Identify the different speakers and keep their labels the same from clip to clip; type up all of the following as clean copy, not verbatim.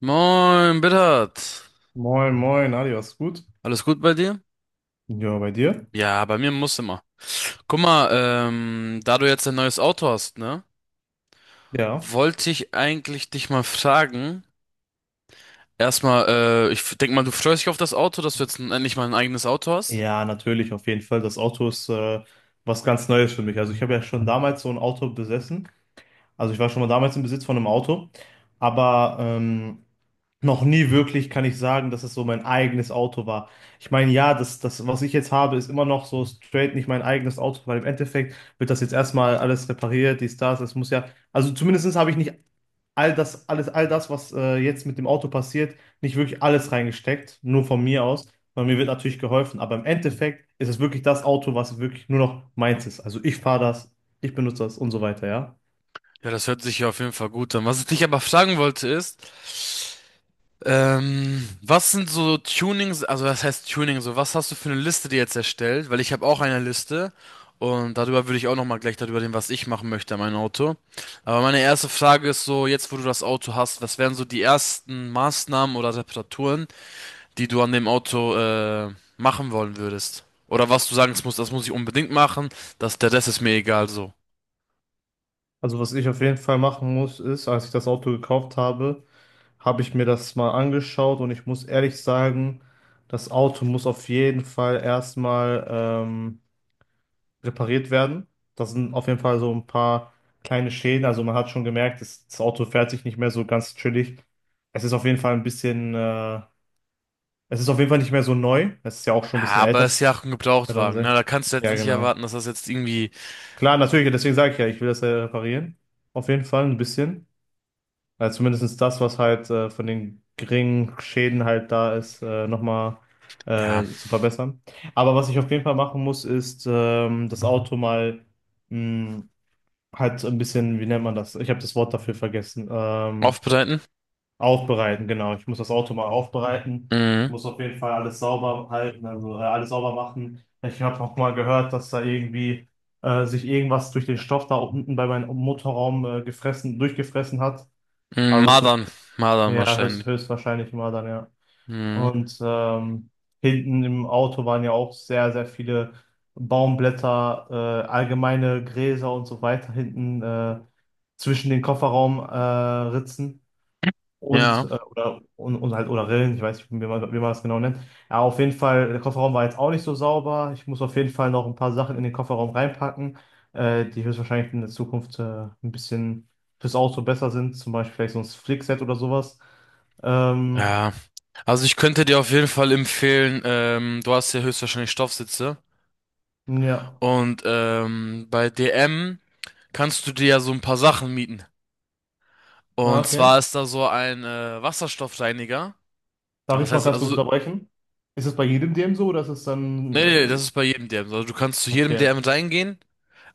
Speaker 1: Moin, Bittert.
Speaker 2: Moin, moin, Adi, was gut?
Speaker 1: Alles gut bei dir?
Speaker 2: Ja, bei dir?
Speaker 1: Ja, bei mir muss immer. Guck mal, da du jetzt ein neues Auto hast, ne?
Speaker 2: Ja.
Speaker 1: Wollte ich eigentlich dich mal fragen. Erstmal, ich denk mal, du freust dich auf das Auto, dass du jetzt endlich mal ein eigenes Auto hast.
Speaker 2: Ja, natürlich, auf jeden Fall. Das Auto ist was ganz Neues für mich. Also ich habe ja schon damals so ein Auto besessen. Also ich war schon mal damals im Besitz von einem Auto. Aber noch nie wirklich kann ich sagen, dass es so mein eigenes Auto war. Ich meine, ja, das, was ich jetzt habe, ist immer noch so straight nicht mein eigenes Auto, weil im Endeffekt wird das jetzt erstmal alles repariert, dies, das. Es muss ja, also zumindest habe ich nicht all das, alles, all das, was jetzt mit dem Auto passiert, nicht wirklich alles reingesteckt, nur von mir aus, weil mir wird natürlich geholfen, aber im Endeffekt ist es wirklich das Auto, was wirklich nur noch meins ist. Also ich fahre das, ich benutze das und so weiter, ja.
Speaker 1: Ja, das hört sich ja auf jeden Fall gut an. Was ich dich aber fragen wollte ist, was sind so Tunings, also was heißt Tuning, so was hast du für eine Liste dir jetzt erstellt? Weil ich habe auch eine Liste und darüber würde ich auch nochmal gleich darüber reden, was ich machen möchte an meinem Auto. Aber meine erste Frage ist so, jetzt wo du das Auto hast, was wären so die ersten Maßnahmen oder Reparaturen, die du an dem Auto machen wollen würdest? Oder was du sagen musst, das muss ich unbedingt machen, das, der Rest ist mir egal so.
Speaker 2: Also was ich auf jeden Fall machen muss, ist, als ich das Auto gekauft habe, habe ich mir das mal angeschaut und ich muss ehrlich sagen, das Auto muss auf jeden Fall erstmal repariert werden. Das sind auf jeden Fall so ein paar kleine Schäden. Also man hat schon gemerkt, das Auto fährt sich nicht mehr so ganz chillig. Es ist auf jeden Fall ein bisschen, es ist auf jeden Fall nicht mehr so neu. Es ist ja auch schon
Speaker 1: Ja,
Speaker 2: ein bisschen
Speaker 1: aber
Speaker 2: älter.
Speaker 1: es ist ja auch ein Gebrauchtwagen, ne?
Speaker 2: 2006.
Speaker 1: Da kannst du jetzt
Speaker 2: Ja,
Speaker 1: nicht
Speaker 2: genau.
Speaker 1: erwarten, dass das jetzt irgendwie,
Speaker 2: Klar, natürlich, deswegen sage ich ja, ich will das ja reparieren. Auf jeden Fall ein bisschen. Also zumindest das, was halt von den geringen Schäden halt da ist, nochmal
Speaker 1: ja,
Speaker 2: zu verbessern. Aber was ich auf jeden Fall machen muss, ist das Auto mal hm, halt so ein bisschen, wie nennt man das? Ich habe das Wort dafür vergessen.
Speaker 1: aufbereiten.
Speaker 2: Aufbereiten, genau. Ich muss das Auto mal aufbereiten. Ich
Speaker 1: Mhm.
Speaker 2: muss auf jeden Fall alles sauber halten, also alles sauber machen. Ich habe auch mal gehört, dass da irgendwie sich irgendwas durch den Stoff da unten bei meinem Motorraum gefressen, durchgefressen hat.
Speaker 1: Mm,
Speaker 2: Also
Speaker 1: Mardan,
Speaker 2: zumindest,
Speaker 1: Mardan
Speaker 2: ja,
Speaker 1: wahrscheinlich.
Speaker 2: höchstwahrscheinlich mal dann, ja.
Speaker 1: Mhm.
Speaker 2: Und hinten im Auto waren ja auch sehr, sehr viele Baumblätter, allgemeine Gräser und so weiter hinten zwischen den Kofferraumritzen Ritzen und,
Speaker 1: Ja,
Speaker 2: oder, und halt oder Rillen, ich weiß nicht, wie man das genau nennt. Ja, auf jeden Fall, der Kofferraum war jetzt auch nicht so sauber. Ich muss auf jeden Fall noch ein paar Sachen in den Kofferraum reinpacken, die höchstwahrscheinlich in der Zukunft ein bisschen fürs Auto besser sind, zum Beispiel vielleicht so ein Flickset oder sowas. Ähm,
Speaker 1: ja. Also ich könnte dir auf jeden Fall empfehlen, du hast ja höchstwahrscheinlich Stoffsitze
Speaker 2: ja,
Speaker 1: und bei DM kannst du dir ja so ein paar Sachen mieten.
Speaker 2: Ah,
Speaker 1: Und
Speaker 2: okay.
Speaker 1: zwar ist da so ein Wasserstoffreiniger.
Speaker 2: Darf
Speaker 1: Aber was
Speaker 2: ich mal
Speaker 1: heißt,
Speaker 2: ganz kurz
Speaker 1: also,
Speaker 2: unterbrechen? Ist es bei jedem DM so oder ist es dann.
Speaker 1: nee, nee, nee, das ist bei jedem DM. Also du kannst zu jedem
Speaker 2: Okay.
Speaker 1: DM reingehen.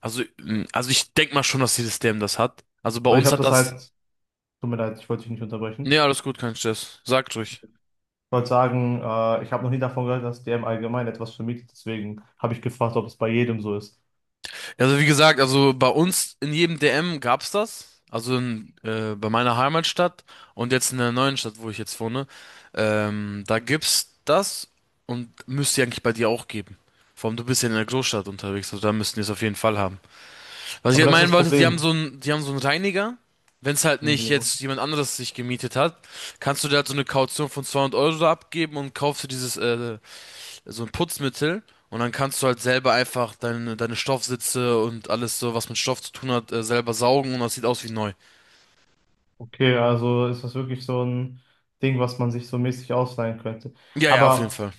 Speaker 1: Also, mm, also ich denk mal schon, dass jedes DM das hat. Also bei
Speaker 2: Weil ich
Speaker 1: uns
Speaker 2: habe
Speaker 1: hat
Speaker 2: das
Speaker 1: das,
Speaker 2: halt. Tut mir leid, ich wollte dich nicht unterbrechen.
Speaker 1: nee, alles gut, kein Stress. Sagt ruhig.
Speaker 2: Ich wollte sagen, ich habe noch nie davon gehört, dass DM allgemein etwas vermietet. Deswegen habe ich gefragt, ob es bei jedem so ist.
Speaker 1: Also wie gesagt, also bei uns in jedem DM gab's das. Also in, bei meiner Heimatstadt und jetzt in der neuen Stadt, wo ich jetzt wohne, da gibt's das und müsste eigentlich bei dir auch geben. Vor allem du bist ja in der Großstadt unterwegs, also da müssten die es auf jeden Fall haben. Was ich
Speaker 2: Aber
Speaker 1: halt
Speaker 2: das ist
Speaker 1: meinen
Speaker 2: das
Speaker 1: wollte, die haben so
Speaker 2: Problem.
Speaker 1: einen, die haben so einen Reiniger. Wenn es halt nicht jetzt
Speaker 2: Ja.
Speaker 1: jemand anderes sich gemietet hat, kannst du da halt so eine Kaution von 200 Euro abgeben und kaufst du dieses so ein Putzmittel und dann kannst du halt selber einfach deine Stoffsitze und alles so, was mit Stoff zu tun hat, selber saugen und das sieht aus wie neu.
Speaker 2: Okay, also ist das wirklich so ein Ding, was man sich so mäßig ausleihen könnte.
Speaker 1: Ja, ja, auf jeden
Speaker 2: Aber
Speaker 1: Fall.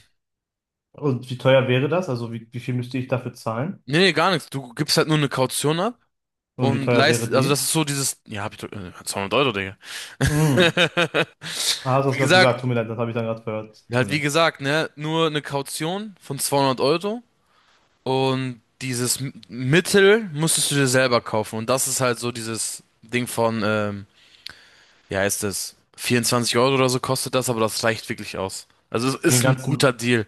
Speaker 2: und wie teuer wäre das? Also wie viel müsste ich dafür zahlen?
Speaker 1: Nee, nee, gar nichts. Du gibst halt nur eine Kaution ab
Speaker 2: Und wie
Speaker 1: und
Speaker 2: teuer wäre
Speaker 1: leist, also das
Speaker 2: die?
Speaker 1: ist so dieses, ja, hab ich doch, 200 Euro, Digga.
Speaker 2: Mm. Ah, hast du das
Speaker 1: Wie
Speaker 2: gerade
Speaker 1: gesagt,
Speaker 2: gesagt? Tut mir leid, das habe ich dann gerade gehört. Tut
Speaker 1: halt
Speaker 2: mir
Speaker 1: wie
Speaker 2: leid.
Speaker 1: gesagt, ne, nur eine Kaution von 200 Euro und dieses Mittel musstest du dir selber kaufen und das ist halt so dieses Ding von, wie heißt es? 24 Euro oder so kostet das, aber das reicht wirklich aus. Also es
Speaker 2: Für den
Speaker 1: ist ein guter
Speaker 2: ganzen.
Speaker 1: Deal.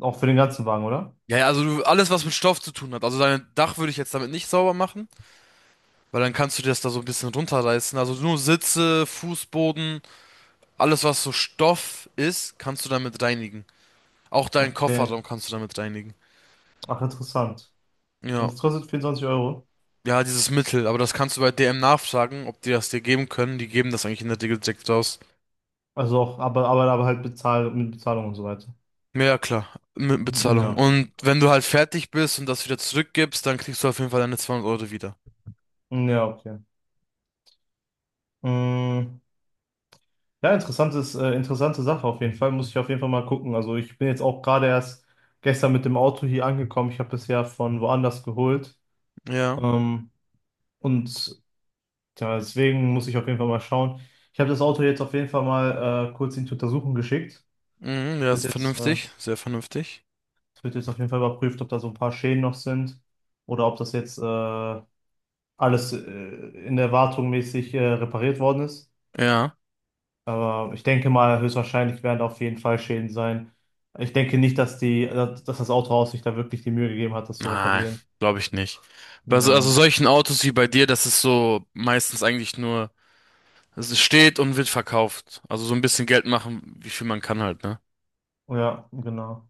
Speaker 2: Auch für den ganzen Wagen, oder?
Speaker 1: Ja, ja, also du, alles, was mit Stoff zu tun hat. Also dein Dach würde ich jetzt damit nicht sauber machen, weil dann kannst du dir das da so ein bisschen runterreißen. Also nur Sitze, Fußboden, alles, was so Stoff ist, kannst du damit reinigen. Auch deinen
Speaker 2: Okay.
Speaker 1: Kofferraum kannst du damit reinigen.
Speaker 2: Ach, interessant.
Speaker 1: Ja.
Speaker 2: Und das kostet 24€.
Speaker 1: Ja, dieses Mittel, aber das kannst du bei DM nachfragen, ob die das dir geben können. Die geben das eigentlich in der Regel direkt raus.
Speaker 2: Also auch, aber halt bezahlt mit Bezahlung und so weiter.
Speaker 1: Ja, klar, mit Bezahlung.
Speaker 2: Ja.
Speaker 1: Und wenn du halt fertig bist und das wieder zurückgibst, dann kriegst du auf jeden Fall deine 200 Euro wieder.
Speaker 2: Ja, okay. Mm, ja, interessante Sache auf jeden Fall. Muss ich auf jeden Fall mal gucken. Also ich bin jetzt auch gerade erst gestern mit dem Auto hier angekommen. Ich habe es ja von woanders geholt.
Speaker 1: Ja,
Speaker 2: Ähm, und ja, deswegen muss ich auf jeden Fall mal schauen. Ich habe das Auto jetzt auf jeden Fall mal kurz in die Untersuchung geschickt.
Speaker 1: mhm, ja,
Speaker 2: Es wird
Speaker 1: ist
Speaker 2: jetzt äh,
Speaker 1: vernünftig, sehr vernünftig.
Speaker 2: Es wird jetzt auf jeden Fall überprüft, ob da so ein paar Schäden noch sind oder ob das jetzt alles in der Wartung mäßig repariert worden ist.
Speaker 1: Ja,
Speaker 2: Aber ich denke mal, höchstwahrscheinlich werden da auf jeden Fall Schäden sein. Ich denke nicht, dass das Autohaus sich da wirklich die Mühe gegeben hat, das zu
Speaker 1: nein,
Speaker 2: reparieren.
Speaker 1: glaube ich nicht. Also
Speaker 2: Ja,
Speaker 1: solchen Autos wie bei dir, das ist so meistens eigentlich nur, es steht und wird verkauft. Also so ein bisschen Geld machen, wie viel man kann halt, ne?
Speaker 2: ja, genau.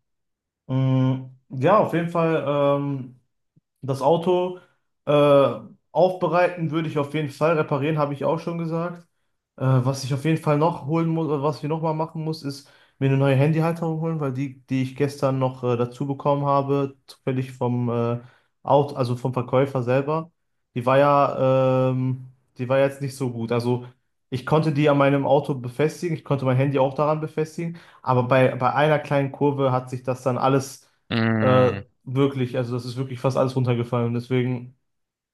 Speaker 2: Mm, ja, auf jeden Fall. Ähm, Das Auto äh, aufbereiten würde ich auf jeden Fall. Reparieren habe ich auch schon gesagt. Was ich auf jeden Fall noch holen muss, oder was wir noch mal machen muss, ist mir eine neue Handyhalterung holen, weil die, die ich gestern noch dazu bekommen habe, zufällig vom Auto, also vom Verkäufer selber, die war ja, die war jetzt nicht so gut. Also ich konnte die an meinem Auto befestigen, ich konnte mein Handy auch daran befestigen, aber bei einer kleinen Kurve hat sich das dann alles äh,
Speaker 1: Mhm.
Speaker 2: wirklich, also das ist wirklich fast alles runtergefallen. Deswegen,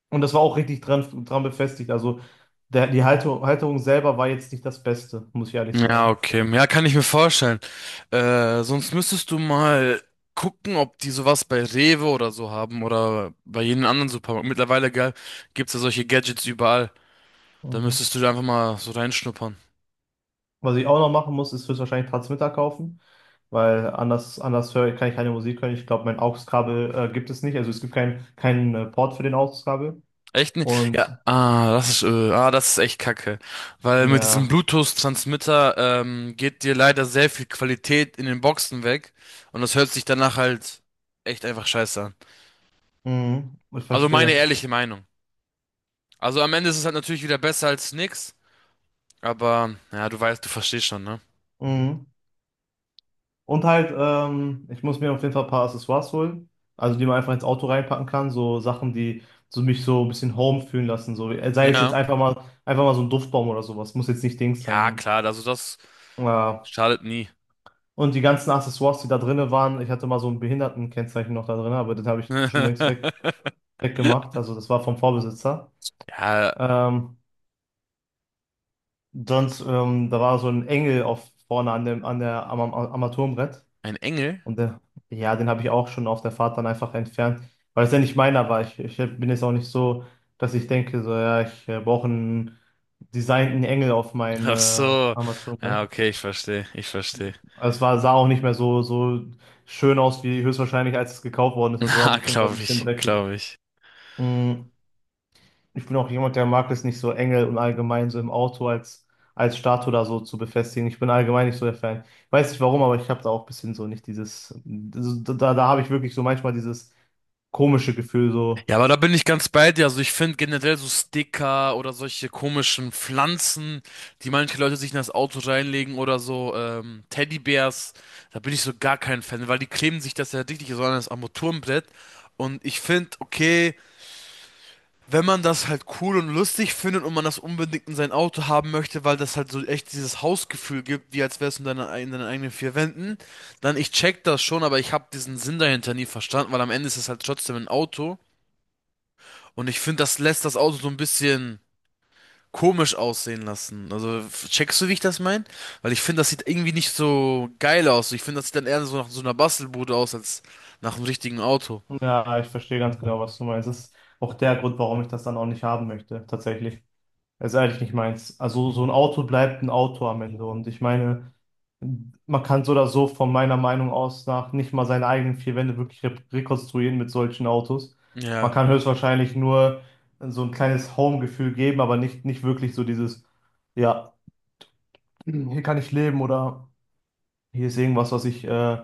Speaker 2: und das war auch richtig dran befestigt. Also die Halterung selber war jetzt nicht das Beste, muss ich ehrlich
Speaker 1: Ja,
Speaker 2: sagen.
Speaker 1: okay. Ja, kann ich mir vorstellen. Sonst müsstest du mal gucken, ob die sowas bei Rewe oder so haben oder bei jedem anderen Supermarkt. Mittlerweile gibt's ja solche Gadgets überall. Da
Speaker 2: Mhm.
Speaker 1: müsstest du da einfach mal so reinschnuppern.
Speaker 2: Was ich auch noch machen muss, ist höchstwahrscheinlich Transmitter kaufen, weil anders höre, kann ich keine Musik hören. Ich glaube, mein AUX-Kabel gibt es nicht. Also es gibt keinen Port für den AUX-Kabel.
Speaker 1: Echt nicht? Ja,
Speaker 2: Und
Speaker 1: ah, das ist echt Kacke. Weil mit diesem
Speaker 2: ja,
Speaker 1: Bluetooth-Transmitter geht dir leider sehr viel Qualität in den Boxen weg. Und das hört sich danach halt echt einfach scheiße an.
Speaker 2: mhm, ich
Speaker 1: Also meine
Speaker 2: verstehe.
Speaker 1: ehrliche Meinung. Also am Ende ist es halt natürlich wieder besser als nix. Aber, ja, du weißt, du verstehst schon, ne?
Speaker 2: Mhm. Und halt, ich muss mir auf jeden Fall ein paar Accessoires holen, also die man einfach ins Auto reinpacken kann, so Sachen, die so mich so ein bisschen home fühlen lassen, so sei es jetzt
Speaker 1: Ja.
Speaker 2: einfach mal so ein Duftbaum oder sowas, muss jetzt nicht Dings
Speaker 1: Ja,
Speaker 2: sein.
Speaker 1: klar, also das
Speaker 2: Ja.
Speaker 1: schadet nie.
Speaker 2: Und die ganzen Accessoires, die da drinne waren, ich hatte mal so ein Behindertenkennzeichen noch da drin, aber das habe ich schon weggemacht, also das war vom Vorbesitzer.
Speaker 1: Ja,
Speaker 2: Ähm, sonst, da war so ein Engel auf vorne an dem an der am, am Armaturenbrett.
Speaker 1: ein Engel?
Speaker 2: Und ja, den habe ich auch schon auf der Fahrt dann einfach entfernt, weil es ja nicht meiner war. Ich bin jetzt auch nicht so, dass ich denke, so, ja, ich brauche einen designten Engel auf
Speaker 1: Ach
Speaker 2: meine
Speaker 1: so.
Speaker 2: Armatur.
Speaker 1: Ja,
Speaker 2: Ne?
Speaker 1: okay, ich verstehe, ich verstehe.
Speaker 2: Also es war, sah auch nicht mehr so schön aus, wie höchstwahrscheinlich, als es gekauft worden ist. Also war
Speaker 1: Na,
Speaker 2: auf jeden Fall ein
Speaker 1: glaube
Speaker 2: bisschen
Speaker 1: ich,
Speaker 2: dreckig.
Speaker 1: glaube ich.
Speaker 2: Mm, ich bin auch jemand, der mag es nicht so enge und allgemein so im Auto als Statue da so zu befestigen. Ich bin allgemein nicht so der Fan. Ich weiß nicht warum, aber ich habe da auch ein bisschen so nicht dieses, so, da habe ich wirklich so manchmal dieses komische Gefühl so.
Speaker 1: Ja, aber da bin ich ganz bei dir. Also ich finde generell so Sticker oder solche komischen Pflanzen, die manche Leute sich in das Auto reinlegen oder so Teddybärs, da bin ich so gar kein Fan, weil die kleben sich das ja richtig so an das Armaturenbrett. Und ich finde, okay, wenn man das halt cool und lustig findet und man das unbedingt in sein Auto haben möchte, weil das halt so echt dieses Hausgefühl gibt, wie als wär's in deiner, in deinen eigenen vier Wänden, dann ich check das schon, aber ich habe diesen Sinn dahinter nie verstanden, weil am Ende ist es halt trotzdem ein Auto und ich finde, das lässt das Auto so ein bisschen komisch aussehen lassen. Also checkst du, wie ich das meine? Weil ich finde, das sieht irgendwie nicht so geil aus. Ich finde, das sieht dann eher so nach so einer Bastelbude aus als nach einem richtigen Auto.
Speaker 2: Ja, ich verstehe ganz genau, was du meinst. Das ist auch der Grund, warum ich das dann auch nicht haben möchte, tatsächlich. Das ist eigentlich nicht meins. Also so ein Auto bleibt ein Auto am Ende. Und ich meine, man kann so oder so von meiner Meinung aus nach nicht mal seine eigenen vier Wände wirklich re rekonstruieren mit solchen Autos. Man
Speaker 1: Ja,
Speaker 2: kann höchstwahrscheinlich nur so ein kleines Home-Gefühl geben, aber nicht wirklich so dieses, ja, hier kann ich leben oder hier ist irgendwas, was ich,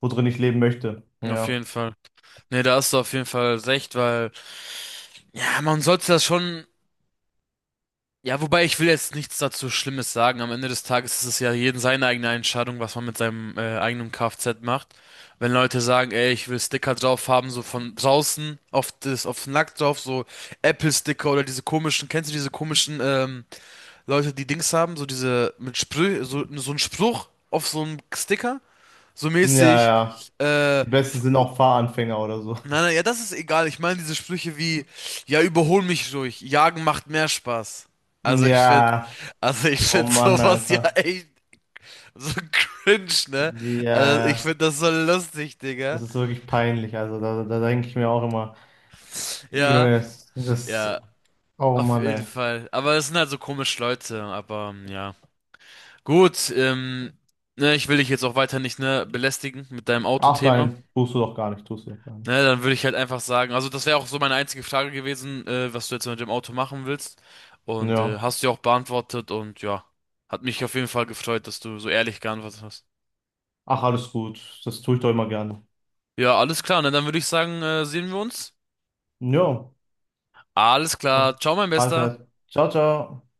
Speaker 2: worin ich leben möchte.
Speaker 1: auf
Speaker 2: Ja.
Speaker 1: jeden Fall. Nee, da hast du auf jeden Fall recht, weil ja, man sollte das schon. Ja, wobei ich will jetzt nichts dazu Schlimmes sagen. Am Ende des Tages ist es ja jeden seine eigene Entscheidung, was man mit seinem eigenen Kfz macht. Wenn Leute sagen, ey, ich will Sticker drauf haben, so von draußen auf das, auf den Lack drauf, so Apple-Sticker oder diese komischen, kennst du diese komischen Leute, die Dings haben, so diese mit Sprüh, so, so ein Spruch auf so einem Sticker, so
Speaker 2: Ja,
Speaker 1: mäßig,
Speaker 2: ja.
Speaker 1: äh,
Speaker 2: Die besten sind auch Fahranfänger oder so.
Speaker 1: nein, nein, ja, das ist egal. Ich meine diese Sprüche wie, ja, überhol mich ruhig, jagen macht mehr Spaß. Also ich finde,
Speaker 2: Ja.
Speaker 1: also ich
Speaker 2: Oh
Speaker 1: finde
Speaker 2: Mann,
Speaker 1: sowas ja
Speaker 2: Alter.
Speaker 1: echt so cringe, ne?
Speaker 2: Ja,
Speaker 1: Also ich finde
Speaker 2: ja.
Speaker 1: das so lustig,
Speaker 2: Das
Speaker 1: Digga.
Speaker 2: ist wirklich peinlich. Also da denke ich mir auch immer,
Speaker 1: Ja,
Speaker 2: Junge,
Speaker 1: ja,
Speaker 2: oh
Speaker 1: auf
Speaker 2: Mann,
Speaker 1: jeden
Speaker 2: ey.
Speaker 1: Fall. Aber es sind halt so komische Leute, aber ja. Gut, ne, ich will dich jetzt auch weiter nicht, ne, belästigen mit deinem
Speaker 2: Ach
Speaker 1: Autothema.
Speaker 2: nein, tust du doch gar nicht, tust du doch gar nicht.
Speaker 1: Ne, dann würde ich halt einfach sagen, also das wäre auch so meine einzige Frage gewesen, was du jetzt mit dem Auto machen willst. Und
Speaker 2: Ja.
Speaker 1: hast du ja auch beantwortet und ja, hat mich auf jeden Fall gefreut, dass du so ehrlich geantwortet hast.
Speaker 2: Ach, alles gut. Das tue ich doch immer gerne.
Speaker 1: Ja, alles klar, ne, dann würde ich sagen, sehen wir uns.
Speaker 2: Ja.
Speaker 1: Alles klar, ciao, mein
Speaker 2: Alles
Speaker 1: Bester.
Speaker 2: klar. Ciao, ciao.